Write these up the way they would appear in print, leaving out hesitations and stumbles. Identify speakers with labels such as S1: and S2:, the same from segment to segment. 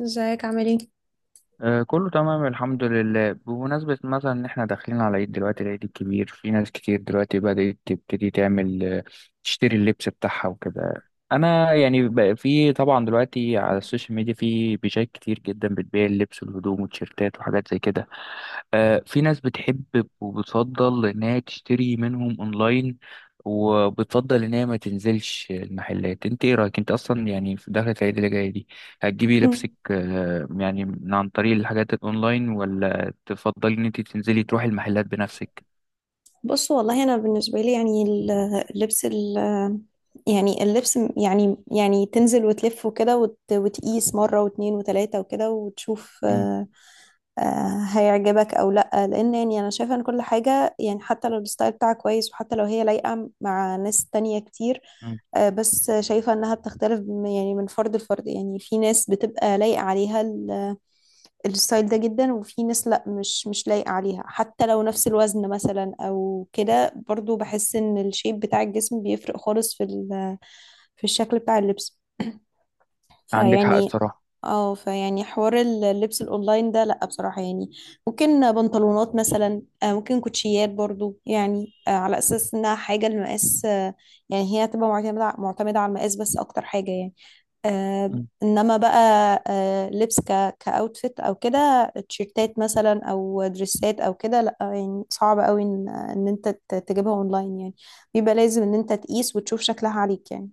S1: ازيك عامل ايه؟
S2: كله تمام الحمد لله بمناسبة مثلا إن إحنا داخلين على العيد دلوقتي العيد الكبير في ناس كتير دلوقتي بدأت تبتدي تعمل تشتري اللبس بتاعها وكده. أنا يعني بقى في طبعا دلوقتي على السوشيال ميديا في بيجات كتير جدا بتبيع اللبس والهدوم والتيشيرتات وحاجات زي كده. في ناس بتحب وبتفضل إنها تشتري منهم أونلاين وبتفضل إن هي ما تنزلش المحلات. أنت إيه رأيك أنت أصلا يعني في دخلة العيد اللي جاية دي هتجيبي لبسك
S1: مم.
S2: يعني من عن طريق الحاجات الأونلاين ولا تفضلي إن أنت تنزلي تروحي المحلات بنفسك؟
S1: بص، والله انا بالنسبه لي، يعني ال- اللبس ال يعني اللبس م- يعني تنزل وتلف وكده وتقيس مره واتنين وتلاته وكده وتشوف
S2: مم.
S1: هيعجبك او لا، لان يعني انا شايفه ان كل حاجه، يعني حتى لو الستايل بتاعك كويس وحتى لو هي لايقه مع ناس تانية كتير.
S2: مم.
S1: بس شايفه انها بتختلف يعني من فرد لفرد. يعني في ناس بتبقى لايقه عليها الستايل ده جدا، وفي ناس لا، مش لايقه عليها حتى لو نفس الوزن مثلا او كده. برضو بحس ان الشيب بتاع الجسم بيفرق خالص في الشكل بتاع اللبس.
S2: عندك حق
S1: فيعني
S2: الصراحة.
S1: اه فيعني حوار اللبس الاونلاين ده لا بصراحة، يعني ممكن بنطلونات مثلا، ممكن كوتشيات برضو، يعني على اساس انها حاجة المقاس. يعني هي هتبقى معتمدة معتمدة على المقاس بس اكتر حاجة. يعني
S2: مم.
S1: انما بقى لبس كاوتفيت او كده، تيشيرتات مثلا او دريسات او كده، لا يعني صعب قوي ان انت تجيبها اونلاين. يعني بيبقى لازم ان انت تقيس وتشوف شكلها عليك يعني.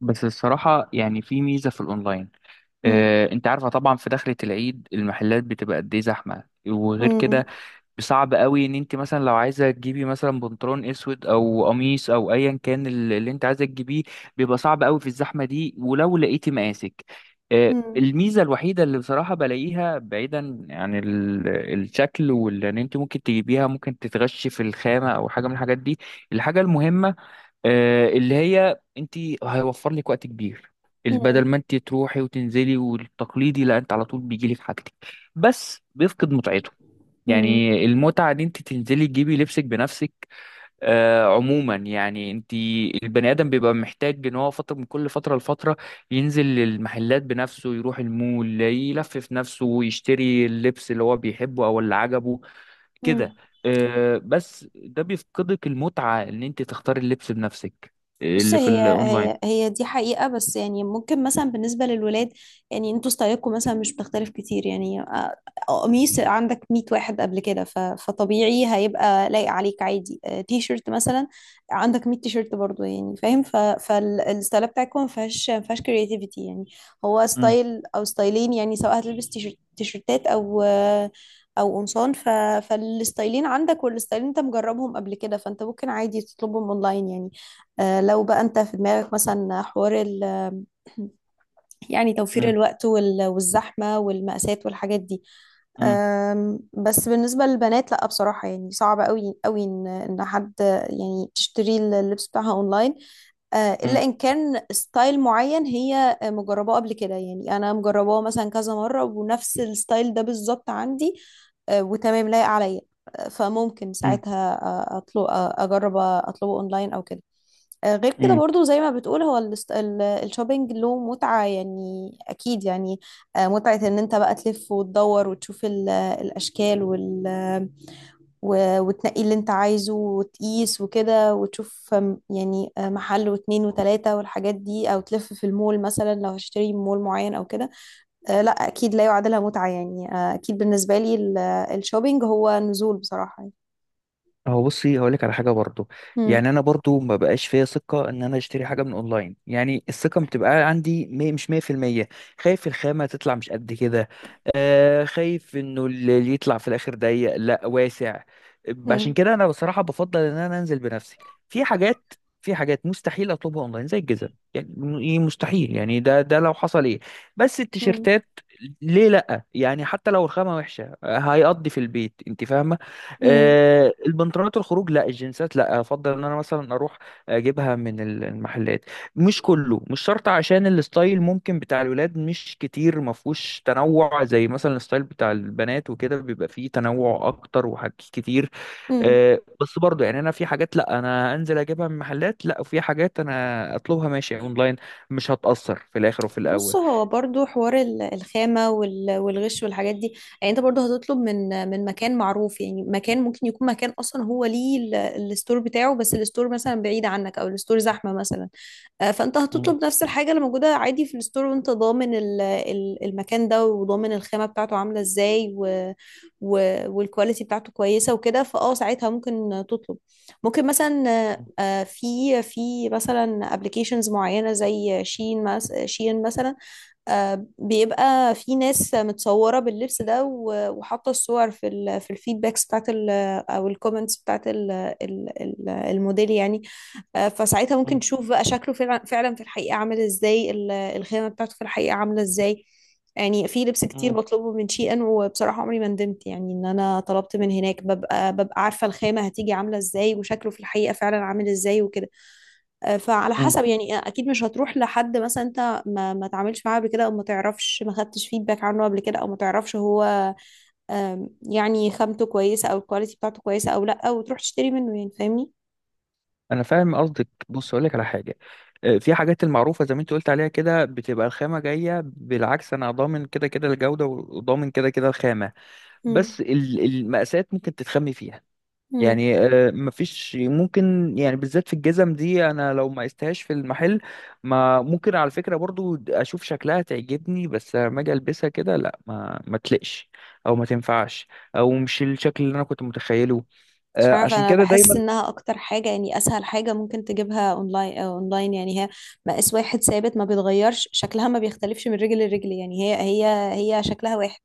S2: بس الصراحة يعني في ميزة في الأونلاين.
S1: مم.
S2: أنت عارفة طبعا في دخلة العيد المحلات بتبقى قد إيه زحمة وغير
S1: مم.
S2: كده صعب قوي ان انت مثلا لو عايزه تجيبي مثلا بنطلون اسود او قميص او ايا كان اللي انت عايزه تجيبيه بيبقى صعب قوي في الزحمه دي ولو لقيتي مقاسك. الميزه الوحيده اللي بصراحه بلاقيها بعيدا عن الشكل واللي انت ممكن تجيبيها ممكن تتغشي في الخامه او حاجه من الحاجات دي. الحاجه المهمه اللي هي انت هيوفر لك وقت كبير
S1: مم.
S2: بدل ما انت تروحي وتنزلي والتقليدي لا انت على طول بيجيلك حاجتك بس بيفقد متعته.
S1: مم.
S2: يعني المتعة دي انت تنزلي تجيبي لبسك بنفسك. عموما يعني انت البني ادم بيبقى محتاج ان هو فترة من كل فترة لفترة ينزل المحلات بنفسه يروح المول يلفف نفسه ويشتري اللبس اللي هو بيحبه او اللي عجبه كده.
S1: مم.
S2: بس ده بيفقدك المتعة ان انت تختاري اللبس بنفسك
S1: بص،
S2: اللي في
S1: هي
S2: الاونلاين.
S1: هي هي دي حقيقة، بس يعني ممكن مثلا بالنسبة للولاد، يعني انتوا ستايلكم مثلا مش بتختلف كتير. يعني قميص عندك 100 واحد قبل كده، فطبيعي هيبقى لايق عليك عادي. تي شيرت مثلا عندك 100 تي شيرت برضه، يعني فاهم. فالستايل بتاعكم ما فيهاش كرياتيفيتي. يعني هو
S2: مم،
S1: ستايل او ستايلين، يعني سواء هتلبس تي شيرتات او او قمصان فالستايلين عندك، والستايلين انت مجربهم قبل كده، فانت ممكن عادي تطلبهم اونلاين يعني. لو بقى انت في دماغك مثلا حوار توفير
S2: مم،
S1: الوقت والزحمة والمقاسات والحاجات دي.
S2: مم،
S1: بس بالنسبة للبنات لا بصراحة، يعني صعب قوي قوي ان حد يعني تشتري اللبس بتاعها اونلاين. الا
S2: مم،
S1: ان كان ستايل معين هي مجرباه قبل كده، يعني انا مجرباه مثلا كذا مرة ونفس الستايل ده بالظبط عندي وتمام لايق عليا. فممكن
S2: مم،
S1: ساعتها آه، اطلب آه، اجرب اطلبه اونلاين او كده. غير كده
S2: مم.
S1: برضو زي ما بتقول، هو الشوبينج له متعة يعني، أكيد يعني. متعة إن أنت بقى تلف وتدور وتشوف الأشكال وتنقي اللي أنت عايزه وتقيس وكده وتشوف. يعني محل واتنين وتلاتة والحاجات دي، أو تلف في المول مثلا لو هشتري من مول معين أو كده. لا أكيد لا يعادلها متعة يعني. أكيد بالنسبة لي الشوبينج هو نزول بصراحة يعني.
S2: هو بصي هقول لك على حاجه برضو. يعني
S1: مم.
S2: انا برضو ما بقاش فيا ثقه ان انا اشتري حاجه من اونلاين يعني الثقه بتبقى عندي مش 100%. خايف الخامه تطلع مش قد كده. خايف انه اللي يطلع في الاخر ضيق لا واسع.
S1: مم.
S2: عشان كده انا بصراحه بفضل ان انا انزل بنفسي في حاجات. في حاجات مستحيل اطلبها اونلاين زي الجزم يعني إيه، مستحيل يعني ده ده لو حصل ايه. بس
S1: مم.
S2: التيشيرتات ليه لا يعني حتى لو الخامه وحشه هيقضي في البيت انت فاهمه.
S1: مم.
S2: البنطلونات الخروج لا الجنسات لا افضل ان انا مثلا اروح اجيبها من المحلات. مش كله مش شرط عشان الستايل ممكن بتاع الولاد مش كتير ما فيهوش تنوع زي مثلا الستايل بتاع البنات وكده بيبقى فيه تنوع اكتر وحاجات كتير.
S1: مم.
S2: بس برضو يعني انا في حاجات لا انا انزل اجيبها من محلات لا وفي حاجات انا اطلبها ماشي اونلاين مش هتأثر في الاخر وفي
S1: بص،
S2: الاول.
S1: هو برضو حوار الخامة والغش والحاجات دي. يعني انت برضو هتطلب من مكان معروف. يعني مكان ممكن يكون مكان اصلا هو ليه الستور بتاعه، بس الستور مثلا بعيد عنك او الستور زحمة مثلا. فانت
S2: مم.
S1: هتطلب نفس الحاجة اللي موجودة عادي في الستور، وانت ضامن المكان ده، وضامن الخامة بتاعته عاملة ازاي، والكواليتي بتاعته كويسة وكده، فاه ساعتها ممكن تطلب ممكن مثلا. في مثلا ابلكيشنز معينة زي شين مثلا. بيبقى في ناس متصورة باللبس ده، وحاطة الصور في ال في الفيدباكس بتاعت ال، أو الكومنتس بتاعت ال الموديل يعني. فساعتها ممكن
S2: مم.
S1: تشوف بقى شكله فعلا في الحقيقة عامل ازاي، الخامة بتاعته في الحقيقة عاملة ازاي. يعني في لبس كتير
S2: مم.
S1: بطلبه من شي ان، وبصراحة عمري ما ندمت يعني ان انا طلبت من هناك. ببقى عارفة الخامة هتيجي عاملة ازاي، وشكله في الحقيقة فعلا عامل ازاي وكده. فعلى
S2: مم.
S1: حسب يعني. اكيد مش هتروح لحد مثلا انت ما تعاملش معاه قبل كده، او ما تعرفش ما خدتش فيدباك عنه قبل كده، او ما تعرفش هو يعني خامته كويسه او الكواليتي بتاعته كويسه او لا، وتروح تشتري منه يعني، فاهمني.
S2: انا فاهم قصدك. بص اقول لك على حاجه. في حاجات المعروفه زي ما انت قلت عليها كده بتبقى الخامه جايه بالعكس انا ضامن كده كده الجوده وضامن كده كده الخامه.
S1: مم.
S2: بس المقاسات ممكن تتخمي فيها.
S1: مم.
S2: يعني مفيش ممكن يعني بالذات في الجزم دي انا لو ما قستهاش في المحل ما ممكن على فكره برضو اشوف شكلها تعجبني بس لما اجي البسها كده لا ما تلقش او ما تنفعش او مش الشكل اللي انا كنت متخيله.
S1: مش عارفه،
S2: عشان
S1: انا
S2: كده دايما
S1: بحس انها اكتر حاجه، يعني اسهل حاجه ممكن تجيبها اونلاين. اونلاين يعني هي مقاس واحد ثابت، ما بيتغيرش شكلها، ما بيختلفش من رجل لرجل. يعني هي شكلها واحد،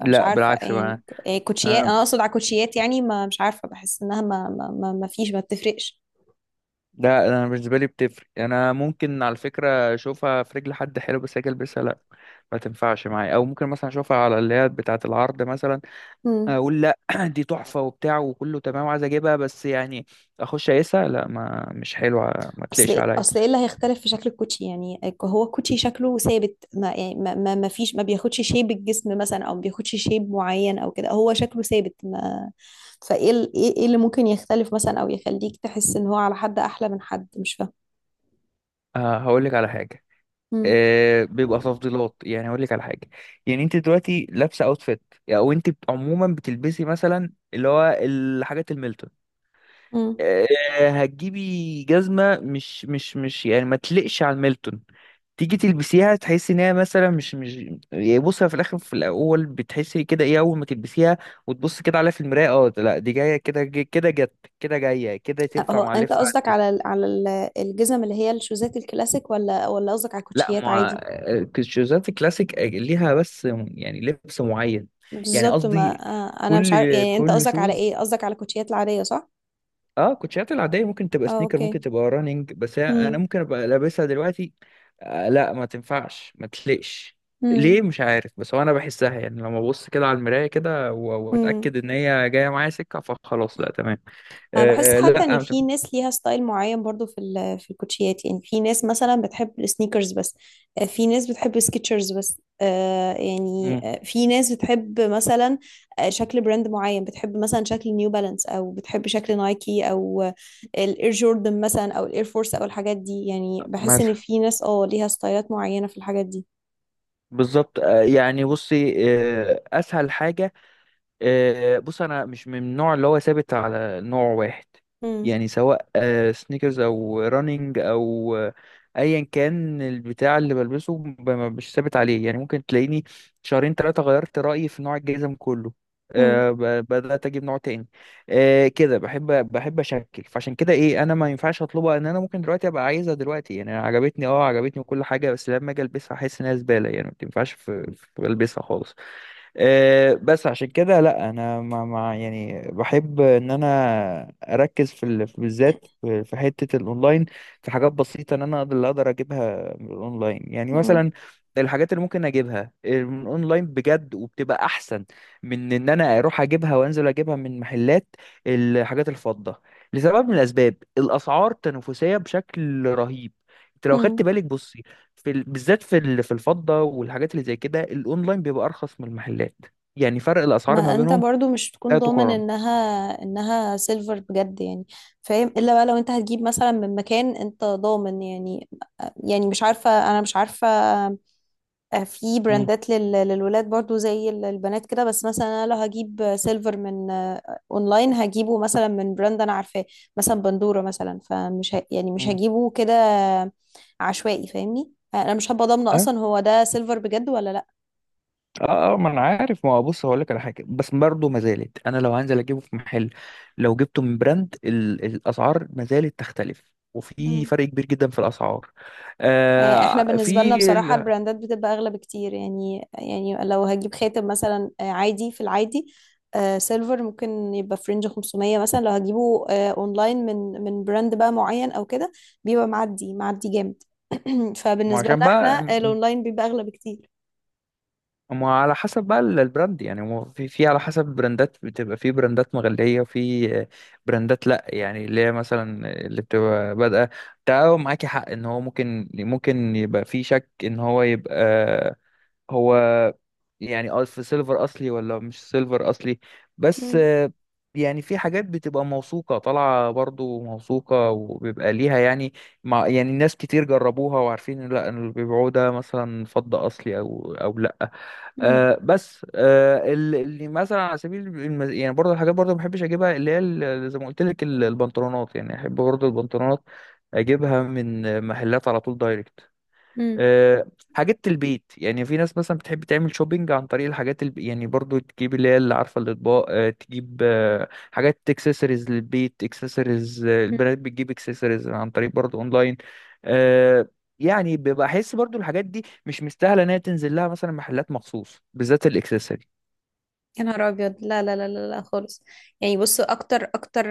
S1: فمش
S2: لا
S1: عارفة
S2: بالعكس
S1: يعني.
S2: بقى.
S1: إيه كوتشيات،
S2: آه،
S1: أنا أقصد على كوتشيات. يعني ما مش عارفة، بحس إنها ما فيش، ما بتفرقش.
S2: لا انا بالنسبه لي بتفرق يعني انا ممكن على فكره اشوفها في رجل حد حلو بس اجي البسها لا ما تنفعش معايا او ممكن مثلا اشوفها على اللي هي بتاعه العرض مثلا
S1: مم.
S2: اقول لا. دي تحفه وبتاع وكله تمام وعايز اجيبها بس يعني اخش اقيسها لا ما مش حلوه ما
S1: أصل
S2: تليقش عليا.
S1: إيه اللي هيختلف في شكل الكوتشي؟ يعني هو الكوتشي شكله ثابت ما. يعني ما فيش، ما بياخدش شيب الجسم مثلا، أو ما بياخدش شيب معين أو كده. هو شكله ثابت ما، فإيه ال- إيه إيه اللي ممكن يختلف مثلا، أو يخليك تحس إن هو على حد أحلى من حد؟ مش فاهمة.
S2: هقول لك على حاجه.
S1: مم.
S2: بيبقى تفضيلات يعني هقول لك على حاجه. يعني انت دلوقتي لابسه اوتفيت او انت عموما بتلبسي مثلا اللي هو الحاجات الميلتون.
S1: مم.
S2: آه، هتجيبي جزمة مش يعني ما تلقش على الميلتون تيجي تلبسيها تحسي ان هي مثلا مش يعني بصي في الاخر في الاول بتحسي كده ايه اول ما تلبسيها وتبص كده عليها في المراية اه لا دي جاية كده كده جت كده جاية كده تنفع
S1: هو
S2: مع
S1: أنت
S2: اللبس
S1: قصدك
S2: عندي
S1: على الجزم اللي هي الشوزات الكلاسيك، ولا قصدك على
S2: لا
S1: الكوتشيات
S2: ما.
S1: عادي؟
S2: الشوزات الكلاسيك ليها بس يعني لبس معين. يعني
S1: بالظبط ما.
S2: قصدي
S1: انا مش عارف،
S2: كل
S1: يعني انت
S2: كل
S1: قصدك على ايه؟
S2: شوز.
S1: قصدك على الكوتشيات العاديه صح؟
S2: اه كوتشيات العاديه ممكن تبقى
S1: اه
S2: سنيكر ممكن
S1: اوكي.
S2: تبقى رانينج بس انا
S1: امم.
S2: ممكن ابقى لابسها دلوقتي. لا ما تنفعش ما تليقش.
S1: امم.
S2: ليه مش عارف بس هو انا بحسها يعني لما ابص كده على المرايه كده
S1: امم
S2: واتاكد ان هي جايه معايا سكه فخلاص لا تمام.
S1: انا بحس
S2: آه
S1: حتى
S2: لا
S1: ان
S2: ما
S1: في
S2: تنفع-
S1: ناس ليها ستايل معين برضو في الكوتشيات. يعني في ناس مثلا بتحب السنيكرز بس، في ناس بتحب سكيتشرز بس.
S2: مم،
S1: في ناس بتحب مثلا شكل براند معين، بتحب مثلا شكل نيو بالانس، او بتحب شكل نايكي، او الاير جوردن مثلا، او الاير فورس، او الحاجات دي. يعني بحس ان
S2: مثلا.
S1: في ناس اه ليها ستايلات معينه في الحاجات
S2: بالظبط. يعني بصي. اسهل حاجه. بص انا مش من النوع اللي هو ثابت على نوع واحد.
S1: دي.
S2: يعني سواء سنيكرز او رانينج او ايا كان البتاع اللي بلبسه مش ثابت عليه يعني ممكن تلاقيني شهرين ثلاثة غيرت رأيي في نوع الجزم كله.
S1: مم.
S2: بدأت اجيب نوع تاني. كده بحب. بحب اشكل فعشان كده ايه انا ما ينفعش اطلبها ان انا ممكن دلوقتي ابقى عايزها دلوقتي يعني. أنا عجبتني وكل حاجة بس لما اجي البسها احس انها زبالة يعني ما تنفعش في البسها خالص. بس عشان كده لا انا مع يعني بحب ان انا اركز في بالذات في حته الاونلاين في حاجات بسيطه ان انا اقدر اللي اقدر اجيبها من الاونلاين يعني
S1: مم.
S2: مثلا الحاجات اللي ممكن اجيبها من الاونلاين بجد وبتبقى احسن من ان انا اروح اجيبها وانزل اجيبها من محلات. الحاجات الفضه لسبب من الاسباب الاسعار تنافسيه بشكل رهيب. انت لو خدت
S1: مم.
S2: بالك بصي في بالذات في في الفضة والحاجات اللي زي كده الاونلاين بيبقى ارخص من المحلات. يعني فرق الاسعار
S1: ما
S2: ما
S1: انت
S2: بينهم
S1: برضو مش تكون
S2: لا
S1: ضامن
S2: تقارن.
S1: انها سيلفر بجد يعني، فاهم؟ الا بقى لو انت هتجيب مثلا من مكان انت ضامن يعني. يعني مش عارفة، انا مش عارفة. في
S2: مم.
S1: براندات للولاد برضو زي البنات كده. بس مثلا انا لو هجيب سيلفر من اونلاين، هجيبه مثلا من براند انا عارفاه، مثلا بندورة مثلا. يعني مش
S2: مم.
S1: هجيبه كده عشوائي، فاهمني؟ انا مش هبقى ضامنة
S2: اه
S1: اصلا هو ده سيلفر بجد ولا
S2: اه ما انا عارف ما هو. بص هقول لك على حاجه بس برضه ما زالت انا لو هنزل اجيبه في محل لو جبته من براند الاسعار ما زالت تختلف وفي فرق
S1: لا.
S2: كبير جدا في الاسعار.
S1: يعني احنا
S2: آه
S1: بالنسبة لنا
S2: في
S1: بصراحة
S2: ال...
S1: البراندات بتبقى أغلى بكتير. يعني لو هجيب خاتم مثلا عادي في العادي، سيلفر ممكن يبقى في رينج 500 مثلا. لو هجيبه اونلاين من براند بقى معين او كده، بيبقى معدي معدي جامد.
S2: ما
S1: فبالنسبة
S2: عشان
S1: لنا احنا
S2: بقى
S1: الاونلاين بيبقى أغلى بكتير.
S2: ما على حسب بقى البراند يعني هو في على حسب البراندات بتبقى في براندات مغلية وفي براندات لأ يعني اللي هي مثلا اللي بتبقى بادئة. ده هو معاكي حق إن هو ممكن يبقى في شك إن هو يبقى هو يعني. في سيلفر أصلي ولا مش سيلفر أصلي؟ بس
S1: مم.
S2: يعني في حاجات بتبقى موثوقة طالعة برضو موثوقة وبيبقى ليها يعني مع يعني ناس كتير جربوها وعارفين إن لأ إن اللي بيبيعوه ده مثلا فضة أصلي أو أو لأ.
S1: مم.
S2: بس اللي مثلا على سبيل يعني برضه الحاجات برضه ما بحبش اجيبها اللي هي زي ما قلت لك البنطلونات. يعني احب برضه البنطلونات اجيبها من محلات على طول دايركت. آه، حاجات البيت يعني في ناس مثلا بتحب تعمل شوبينج عن طريق الحاجات يعني برضو تجيب اللي هي اللي عارفه الاطباق تجيب حاجات اكسسوارز للبيت اكسسوارز
S1: مم.
S2: البراند بتجيب اكسسوارز عن طريق برضو اونلاين. آه، يعني ببقى احس برضو الحاجات دي مش مستاهله انها تنزل لها مثلا محلات مخصوص بالذات الاكسسوارز.
S1: يا نهار ابيض، لا لا لا لا لا خالص. يعني بص، اكتر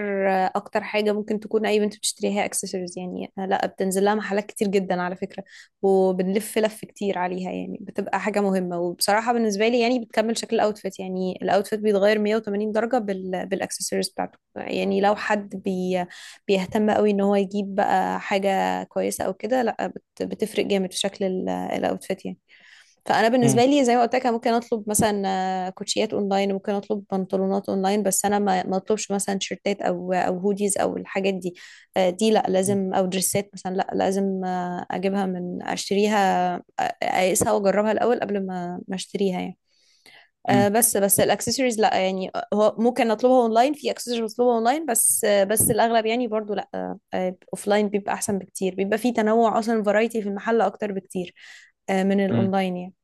S1: اكتر حاجه ممكن تكون اي بنت بتشتريها اكسسوارز. يعني لا، بتنزل لها محلات كتير جدا على فكره، وبنلف لف كتير عليها. يعني بتبقى حاجه مهمه، وبصراحه بالنسبه لي يعني بتكمل شكل الاوتفيت. يعني الاوتفيت بيتغير 180 درجه بالاكسسوارز بتاعته. يعني لو حد بيهتم قوي ان هو يجيب بقى حاجه كويسه او كده، لا بتفرق جامد في شكل الاوتفيت يعني. فانا
S2: مم.
S1: بالنسبه لي زي ما قلت لك، أنا ممكن اطلب مثلا كوتشيات اونلاين، ممكن اطلب بنطلونات اونلاين، بس انا ما اطلبش مثلا شيرتات او او هوديز او الحاجات دي. دي لا لازم، او دريسات مثلا لا لازم آه، اجيبها من اشتريها، اقيسها واجربها الاول قبل ما اشتريها يعني. بس الاكسسوارز لا يعني هو ممكن اطلبها اونلاين، في اكسسوارز بطلبها اونلاين، بس الاغلب يعني برضو لا. اوفلاين بيبقى احسن بكتير، بيبقى في تنوع اصلا، فرايتي في المحل اكتر بكتير من
S2: مم.
S1: الاونلاين يعني.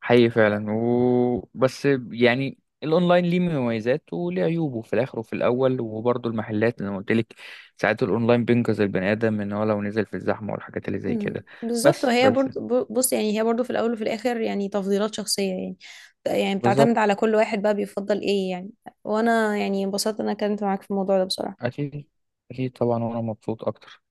S2: حقيقي فعلا بس يعني الاونلاين ليه مميزات وليه عيوبه في الاخر وفي الاول وبرضه المحلات اللي انا قلت لك ساعات الاونلاين بينقذ البني ادم ان هو لو نزل في الزحمه والحاجات اللي زي
S1: مم.
S2: كده.
S1: بالظبط.
S2: بس
S1: وهي
S2: بس.
S1: برضو بص، يعني هي برضو في الاول وفي الاخر يعني تفضيلات شخصيه. يعني يعني بتعتمد
S2: بالظبط.
S1: على كل واحد بقى بيفضل ايه يعني. وانا يعني انبسطت إن انا اتكلمت معاك في الموضوع ده بصراحه.
S2: اكيد. اكيد طبعا وانا مبسوط اكتر.